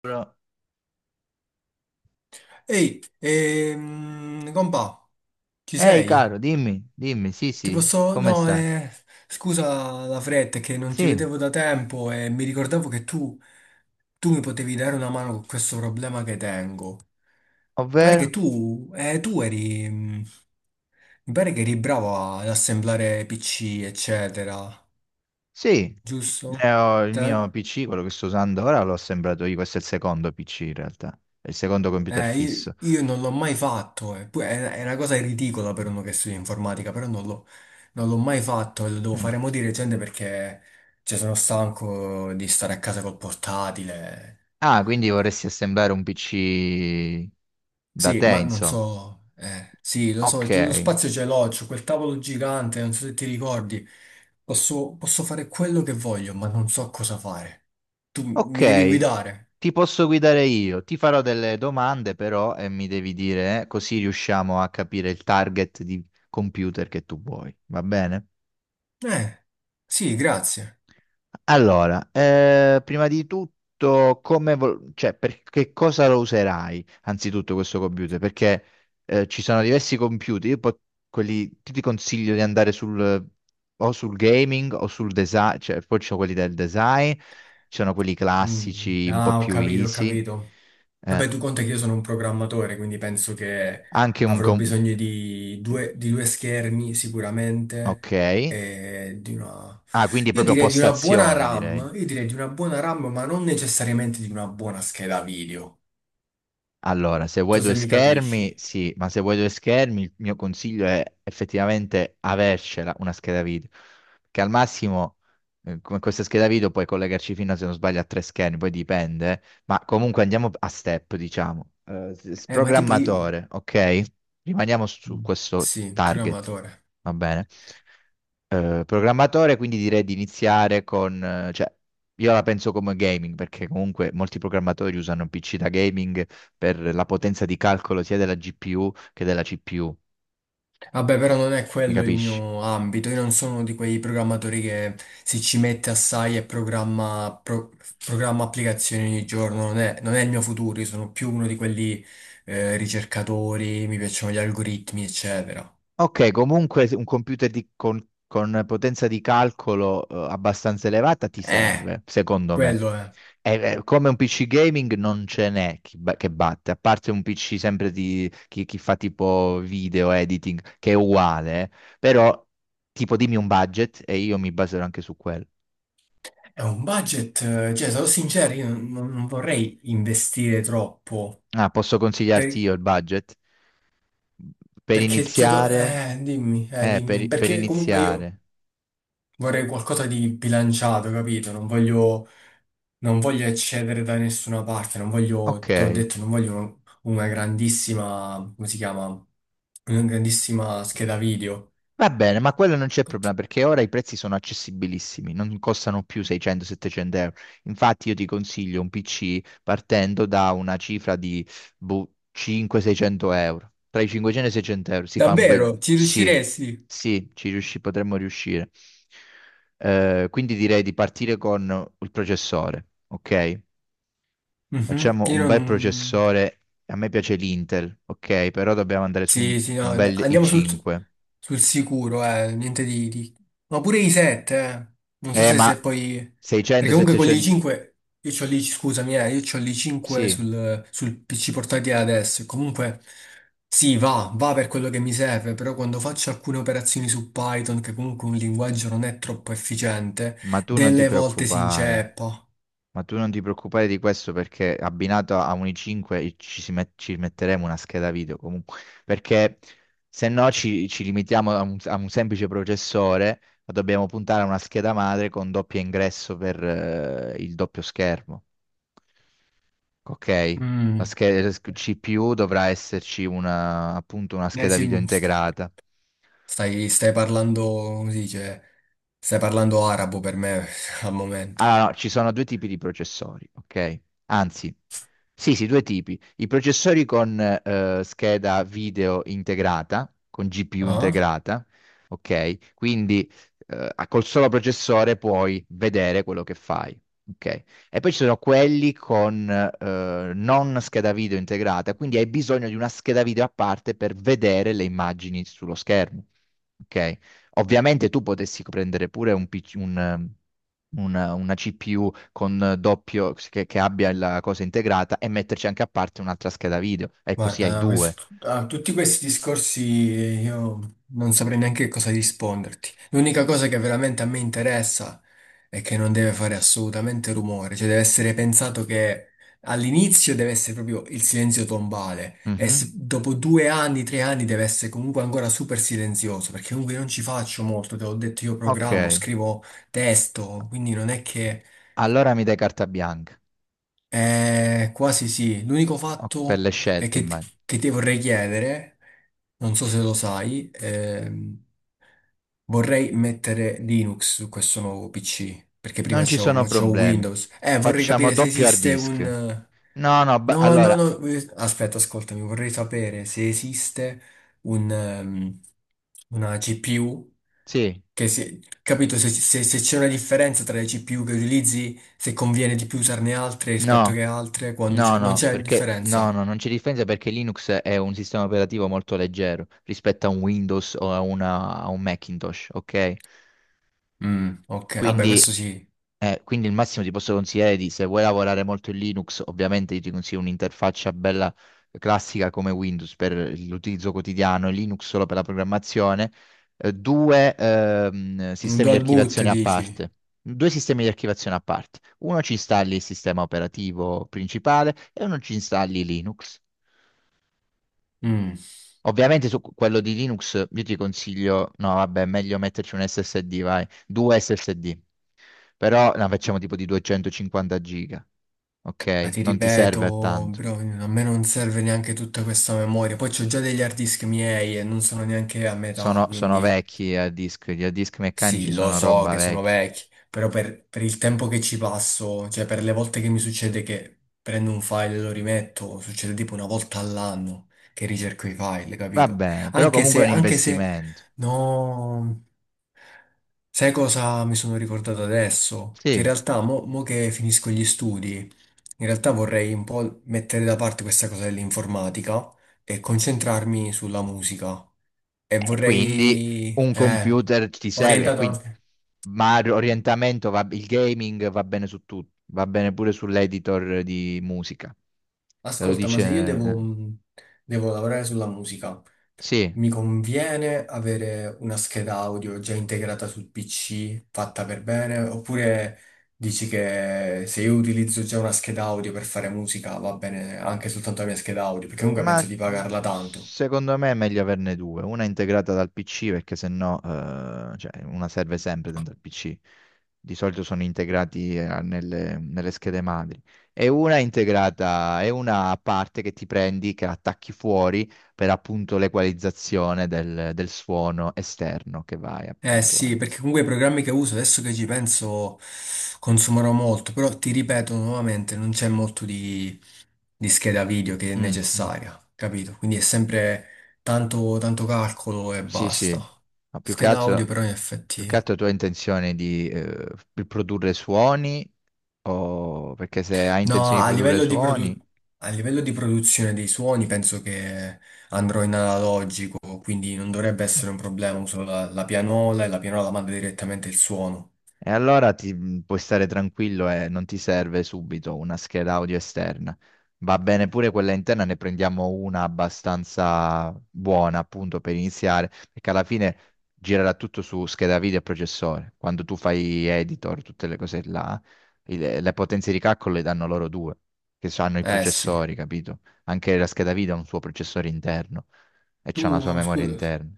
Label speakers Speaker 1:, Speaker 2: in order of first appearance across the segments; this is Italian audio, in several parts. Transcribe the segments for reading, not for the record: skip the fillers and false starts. Speaker 1: Però-
Speaker 2: Ehi, compà, ci
Speaker 1: ehi,
Speaker 2: sei?
Speaker 1: caro, dimmi, dimmi, sì,
Speaker 2: Ti
Speaker 1: sì,
Speaker 2: posso...
Speaker 1: come
Speaker 2: No,
Speaker 1: stai?
Speaker 2: scusa la fretta, è che non ti
Speaker 1: Sì,
Speaker 2: vedevo da tempo e mi ricordavo che tu mi potevi dare una mano con questo problema che tengo. Mi pare che
Speaker 1: ovvero?
Speaker 2: tu, tu eri... mi pare che eri bravo ad assemblare PC, eccetera,
Speaker 1: Sì, ne
Speaker 2: giusto?
Speaker 1: ho il mio
Speaker 2: Te...
Speaker 1: PC, quello che sto usando ora, l'ho assemblato io, questo è il secondo PC in realtà, è il secondo computer
Speaker 2: Io,
Speaker 1: fisso.
Speaker 2: io non l'ho mai fatto, eh. Poi è una cosa ridicola per uno che studia informatica, però non l'ho mai fatto e lo devo
Speaker 1: Mm.
Speaker 2: fare mo' di recente perché cioè, sono stanco di stare a casa col portatile.
Speaker 1: Ah, quindi vorresti assemblare un PC da
Speaker 2: Sì,
Speaker 1: te,
Speaker 2: ma non
Speaker 1: insomma.
Speaker 2: so, sì, lo so,
Speaker 1: Ok,
Speaker 2: lo spazio ce l'ho, c'ho quel tavolo gigante, non so se ti ricordi, posso fare quello che voglio, ma non so cosa fare. Tu mi devi
Speaker 1: ok,
Speaker 2: guidare?
Speaker 1: ti posso guidare io, ti farò delle domande però e mi devi dire, così riusciamo a capire il target di computer che tu vuoi, va bene?
Speaker 2: Eh, sì, grazie.
Speaker 1: Allora, prima di tutto, cioè, per che cosa lo userai anzitutto questo computer? Perché ci sono diversi computer, quelli, ti consiglio di andare sul, o sul gaming o sul design, cioè, poi ci sono quelli del design, ci sono quelli
Speaker 2: Mm.
Speaker 1: classici, un po'
Speaker 2: Ah, ho
Speaker 1: più
Speaker 2: capito, ho
Speaker 1: easy,
Speaker 2: capito.
Speaker 1: eh,
Speaker 2: Vabbè, tu conta che io sono un programmatore, quindi penso che
Speaker 1: anche un...
Speaker 2: avrò
Speaker 1: com-
Speaker 2: bisogno di due schermi sicuramente
Speaker 1: ok,
Speaker 2: e di una...
Speaker 1: ah, quindi
Speaker 2: Io
Speaker 1: proprio
Speaker 2: direi di una buona
Speaker 1: postazione direi.
Speaker 2: RAM, io direi di una buona RAM, ma non necessariamente di una buona scheda video. Non
Speaker 1: Allora, se vuoi
Speaker 2: so
Speaker 1: due
Speaker 2: se mi
Speaker 1: schermi,
Speaker 2: capisci.
Speaker 1: sì, ma se vuoi due schermi, il mio consiglio è effettivamente avercela una scheda video, che al massimo con questa scheda video puoi collegarci fino, se non sbaglio, a tre schermi, poi dipende, eh. Ma comunque andiamo a step, diciamo. S-
Speaker 2: Ma tipo io...
Speaker 1: programmatore, ok? Rimaniamo su
Speaker 2: Mm,
Speaker 1: questo
Speaker 2: sì,
Speaker 1: target,
Speaker 2: programmatore.
Speaker 1: va bene? Eh, programmatore, quindi direi di iniziare con, cioè, io la penso come gaming, perché comunque molti programmatori usano un PC da gaming per la potenza di calcolo sia della GPU che della CPU,
Speaker 2: Vabbè, però non è
Speaker 1: mi
Speaker 2: quello il
Speaker 1: capisci?
Speaker 2: mio ambito, io non sono uno di quei programmatori che si ci mette assai e programma, programma applicazioni ogni giorno, non è il mio futuro, io sono più uno di quelli ricercatori, mi piacciono gli algoritmi, eccetera.
Speaker 1: Ok, comunque se un computer di- con potenza di calcolo, abbastanza elevata ti
Speaker 2: Eh,
Speaker 1: serve, secondo me.
Speaker 2: quello è.
Speaker 1: Come un PC gaming non ce n'è chi ba- che batte, a parte un PC sempre di chi, chi fa tipo video editing, che è uguale, eh. Però tipo dimmi un budget e io mi baserò anche su quello.
Speaker 2: È un budget, cioè, sarò sincero, io non, non- non vorrei investire troppo,
Speaker 1: Ah, posso consigliarti
Speaker 2: per-
Speaker 1: io il budget? Per
Speaker 2: perché, cioè,
Speaker 1: iniziare,
Speaker 2: dimmi,
Speaker 1: per
Speaker 2: perché comunque io
Speaker 1: iniziare.
Speaker 2: vorrei qualcosa di bilanciato, capito? Non voglio eccedere da nessuna parte, non voglio,
Speaker 1: Ok.
Speaker 2: te l'ho detto, non voglio una grandissima, come si chiama? Una grandissima scheda video.
Speaker 1: Va bene, ma quello non c'è problema perché ora i prezzi sono accessibilissimi, non costano più 600-700 euro. Infatti io ti consiglio un PC partendo da una cifra di boh, 500-600 euro. Tra i 500 e i 600 euro si fa un bel...
Speaker 2: Davvero, ci
Speaker 1: Sì,
Speaker 2: riusciresti?
Speaker 1: sì, ci riusci- potremmo riuscire. Quindi direi di partire con il processore, ok?
Speaker 2: Mhm.
Speaker 1: Facciamo
Speaker 2: Io
Speaker 1: un bel
Speaker 2: non.
Speaker 1: processore, a me piace l'Intel, ok? Però dobbiamo andare su
Speaker 2: Sì, sì, no,
Speaker 1: un bel
Speaker 2: andiamo sul,
Speaker 1: i5.
Speaker 2: sul sicuro, niente ma pure i 7, eh. Non so se,
Speaker 1: Ma
Speaker 2: se poi... Perché
Speaker 1: 600,
Speaker 2: comunque con gli
Speaker 1: 700,
Speaker 2: 5, io c'ho lì, scusami, io c'ho lì 5
Speaker 1: sì,
Speaker 2: sul PC portatile adesso, e comunque sì, va, va per quello che mi serve, però quando faccio alcune operazioni su Python, che comunque un linguaggio non è troppo efficiente,
Speaker 1: ma tu non ti
Speaker 2: delle volte si
Speaker 1: preoccupare.
Speaker 2: inceppa.
Speaker 1: Ma tu non ti preoccupare di questo perché abbinato a un i5 e ci, si met- ci metteremo una scheda video comunque, perché se no ci, ci limitiamo a un semplice processore, ma dobbiamo puntare a una scheda madre con doppio ingresso per il doppio schermo. Ok, la
Speaker 2: Mm,
Speaker 1: scheda CPU dovrà esserci una, appunto una
Speaker 2: eh
Speaker 1: scheda
Speaker 2: sì,
Speaker 1: video integrata.
Speaker 2: stai parlando, come si dice, stai parlando arabo per me al momento.
Speaker 1: Allora, no, ci sono due tipi di processori, ok? Anzi, sì, sì, due tipi. I processori con scheda video integrata, con GPU
Speaker 2: Ah?
Speaker 1: integrata, ok? Quindi col solo processore puoi vedere quello che fai, ok? E poi ci sono quelli con non scheda video integrata, quindi hai bisogno di una scheda video a parte per vedere le immagini sullo schermo, ok? Ovviamente tu potessi prendere pure un PC un, una CPU con doppio, che abbia la cosa integrata e metterci anche a parte un'altra scheda video. E così hai
Speaker 2: Guarda,
Speaker 1: due.
Speaker 2: a tutti questi discorsi io non saprei neanche cosa risponderti. L'unica cosa che veramente a me interessa è che non deve fare assolutamente rumore, cioè deve essere pensato che all'inizio deve essere proprio il silenzio tombale e
Speaker 1: Mhm.
Speaker 2: dopo 2 anni, 3 anni deve essere comunque ancora super silenzioso, perché comunque non ci faccio molto, te l'ho detto io
Speaker 1: Ok,
Speaker 2: programmo, scrivo testo, quindi non è che
Speaker 1: allora mi dai carta bianca
Speaker 2: quasi sì. L'unico
Speaker 1: O- per le
Speaker 2: fatto è
Speaker 1: scelte, immagino.
Speaker 2: che ti vorrei chiedere, non so se lo sai, vorrei mettere Linux su questo nuovo PC, perché prima
Speaker 1: Non ci
Speaker 2: c'ho, mo
Speaker 1: sono
Speaker 2: c'ho
Speaker 1: problemi.
Speaker 2: Windows. Vorrei
Speaker 1: Facciamo
Speaker 2: capire se
Speaker 1: doppio hard
Speaker 2: esiste
Speaker 1: disk.
Speaker 2: un...
Speaker 1: No, no, ba-
Speaker 2: No, no,
Speaker 1: allora,
Speaker 2: no, aspetta, ascoltami, vorrei sapere se esiste un, una GPU,
Speaker 1: sì,
Speaker 2: che se, capito, se c'è una differenza tra le GPU che utilizzi, se conviene di più usarne altre rispetto
Speaker 1: no.
Speaker 2: che altre, quando
Speaker 1: No,
Speaker 2: c'è... Non
Speaker 1: no,
Speaker 2: c'è
Speaker 1: perché no,
Speaker 2: differenza.
Speaker 1: no, non c'è differenza perché Linux è un sistema operativo molto leggero rispetto a un Windows o a, una- a un Macintosh, ok?
Speaker 2: Mm, ok, vabbè,
Speaker 1: Quindi,
Speaker 2: questo sì.
Speaker 1: quindi il massimo ti posso consigliare di, se vuoi lavorare molto in Linux, ovviamente io ti consiglio un'interfaccia bella classica come Windows per l'utilizzo quotidiano, e Linux solo per la programmazione, due
Speaker 2: Un
Speaker 1: sistemi di
Speaker 2: dual boot,
Speaker 1: archiviazione a
Speaker 2: dici?
Speaker 1: parte. Due sistemi di archiviazione a parte. Uno ci installi il sistema operativo principale e uno ci installi Linux.
Speaker 2: Mm.
Speaker 1: Ovviamente su quello di Linux io ti consiglio, no, vabbè, è meglio metterci un SSD, vai, due SSD. Però la facciamo tipo di 250 giga,
Speaker 2: Ma
Speaker 1: ok?
Speaker 2: ti
Speaker 1: Non ti serve a
Speaker 2: ripeto,
Speaker 1: tanto.
Speaker 2: bro, a me non serve neanche tutta questa memoria. Poi c'ho già degli hard disk miei e non sono neanche a metà,
Speaker 1: Sono, sono
Speaker 2: quindi
Speaker 1: vecchi a disk, gli a disk meccanici
Speaker 2: sì, lo
Speaker 1: sono
Speaker 2: so
Speaker 1: roba
Speaker 2: che sono
Speaker 1: vecchia.
Speaker 2: vecchi, però per il tempo che ci passo, cioè per le volte che mi succede che prendo un file e lo rimetto, succede tipo una volta all'anno che ricerco i file,
Speaker 1: Va
Speaker 2: capito?
Speaker 1: bene, però comunque è un
Speaker 2: Anche se,
Speaker 1: investimento.
Speaker 2: no, sai cosa mi sono ricordato adesso? Che in
Speaker 1: Sì.
Speaker 2: realtà, mo che finisco gli studi. In realtà vorrei un po' mettere da parte questa cosa dell'informatica e concentrarmi sulla musica. E
Speaker 1: E quindi
Speaker 2: vorrei...
Speaker 1: un computer ti serve, e
Speaker 2: Orientato
Speaker 1: quindi,
Speaker 2: anche.
Speaker 1: ma l'orientamento, va, il gaming va bene su tutto, va bene pure sull'editor di musica. Te lo
Speaker 2: Ascolta, ma
Speaker 1: dice...
Speaker 2: se io devo, devo lavorare sulla musica,
Speaker 1: sì,
Speaker 2: mi conviene avere una scheda audio già integrata sul PC, fatta per bene? Oppure dici che se io utilizzo già una scheda audio per fare musica, va bene anche soltanto la mia scheda audio? Perché comunque
Speaker 1: ma
Speaker 2: penso
Speaker 1: s-
Speaker 2: di pagarla tanto.
Speaker 1: secondo me è meglio averne due, una integrata dal PC perché sennò cioè, una serve sempre dentro il PC. Di solito sono integrati nelle, nelle schede madri. E una integrata, è una a parte che ti prendi, che attacchi fuori per appunto l'equalizzazione del, del suono esterno che vai
Speaker 2: Eh
Speaker 1: appunto a...
Speaker 2: sì, perché comunque i programmi che uso adesso che ci penso consumano molto, però ti ripeto nuovamente, non c'è molto di scheda video che è
Speaker 1: Mm, mm.
Speaker 2: necessaria, capito? Quindi è sempre tanto, tanto calcolo e
Speaker 1: Sì,
Speaker 2: basta.
Speaker 1: sì, ma più che
Speaker 2: Scheda
Speaker 1: altro...
Speaker 2: audio però in
Speaker 1: Più che
Speaker 2: effetti...
Speaker 1: altro tu hai intenzione di produrre suoni o perché se hai
Speaker 2: No,
Speaker 1: intenzione di produrre suoni...
Speaker 2: a livello di produzione dei suoni penso che andrò in analogico, quindi non dovrebbe essere un problema, uso la pianola e la pianola manda direttamente il suono.
Speaker 1: E allora ti puoi stare tranquillo e non ti serve subito una scheda audio esterna. Va bene pure quella interna, ne prendiamo una abbastanza buona appunto per iniziare, perché alla fine girerà tutto su scheda video e processore. Quando tu fai editor, tutte le cose là, il- le potenze di calcolo le danno loro due, che hanno i
Speaker 2: Eh sì.
Speaker 1: processori, capito? Anche la scheda video ha un suo processore interno e c'ha una sua
Speaker 2: Tu,
Speaker 1: memoria
Speaker 2: scusa.
Speaker 1: interna.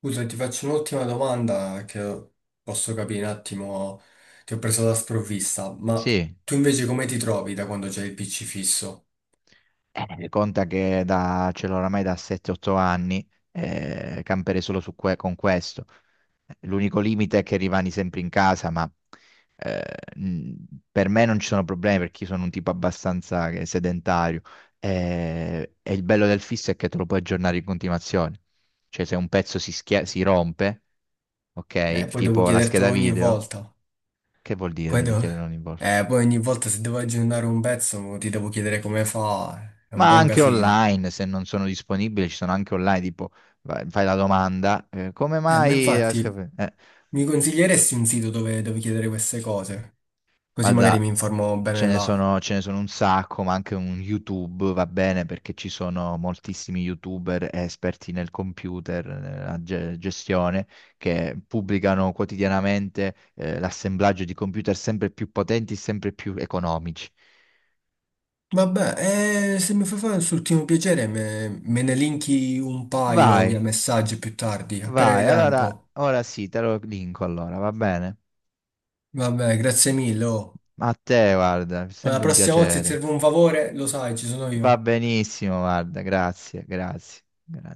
Speaker 2: Scusa, ti faccio un'ultima domanda che posso capire un attimo, ti ho preso da sprovvista, ma
Speaker 1: Sì.
Speaker 2: tu invece come ti trovi da quando c'è il PC fisso?
Speaker 1: Conta che da, ce l'ho oramai da 7-8 anni, camperei solo su que- con questo. L'unico limite è che rimani sempre in casa, ma eh, mh, per me non ci sono problemi perché io sono un tipo abbastanza che- sedentario. E il bello del fisso è che te lo puoi aggiornare in continuazione. Cioè, se un pezzo si, schia- si rompe, ok,
Speaker 2: Poi devo
Speaker 1: tipo la
Speaker 2: chiedertelo
Speaker 1: scheda
Speaker 2: ogni
Speaker 1: video,
Speaker 2: volta.
Speaker 1: che vuol dire?
Speaker 2: Poi,
Speaker 1: Devi
Speaker 2: devo-
Speaker 1: chiedere ogni volta.
Speaker 2: poi ogni volta se devo aggiornare un pezzo ti devo chiedere come fa, è un
Speaker 1: Ma
Speaker 2: buon
Speaker 1: anche
Speaker 2: casino.
Speaker 1: online, se non sono disponibili, ci sono anche online, tipo vai- fai la domanda, come
Speaker 2: Ma
Speaker 1: mai? La
Speaker 2: infatti
Speaker 1: sca-
Speaker 2: mi consiglieresti un sito dove chiedere queste cose? Così magari mi
Speaker 1: guarda,
Speaker 2: informo bene là.
Speaker 1: ce ne sono un sacco, ma anche un YouTube va bene perché ci sono moltissimi YouTuber esperti nel computer, nella ge- gestione, che pubblicano quotidianamente, l'assemblaggio di computer sempre più potenti, sempre più economici.
Speaker 2: Vabbè, se mi fai fare questo ultimo piacere, me ne linki un paio
Speaker 1: Vai,
Speaker 2: via messaggio più tardi, appena hai
Speaker 1: vai, allora,
Speaker 2: tempo.
Speaker 1: ora sì, te lo linko allora, va bene?
Speaker 2: Vabbè, grazie mille. Oh.
Speaker 1: Ma a te, guarda, è
Speaker 2: La
Speaker 1: sempre un
Speaker 2: prossima volta se ti
Speaker 1: piacere.
Speaker 2: serve un favore, lo sai, ci sono
Speaker 1: Va
Speaker 2: io.
Speaker 1: benissimo, guarda, grazie, grazie, grazie.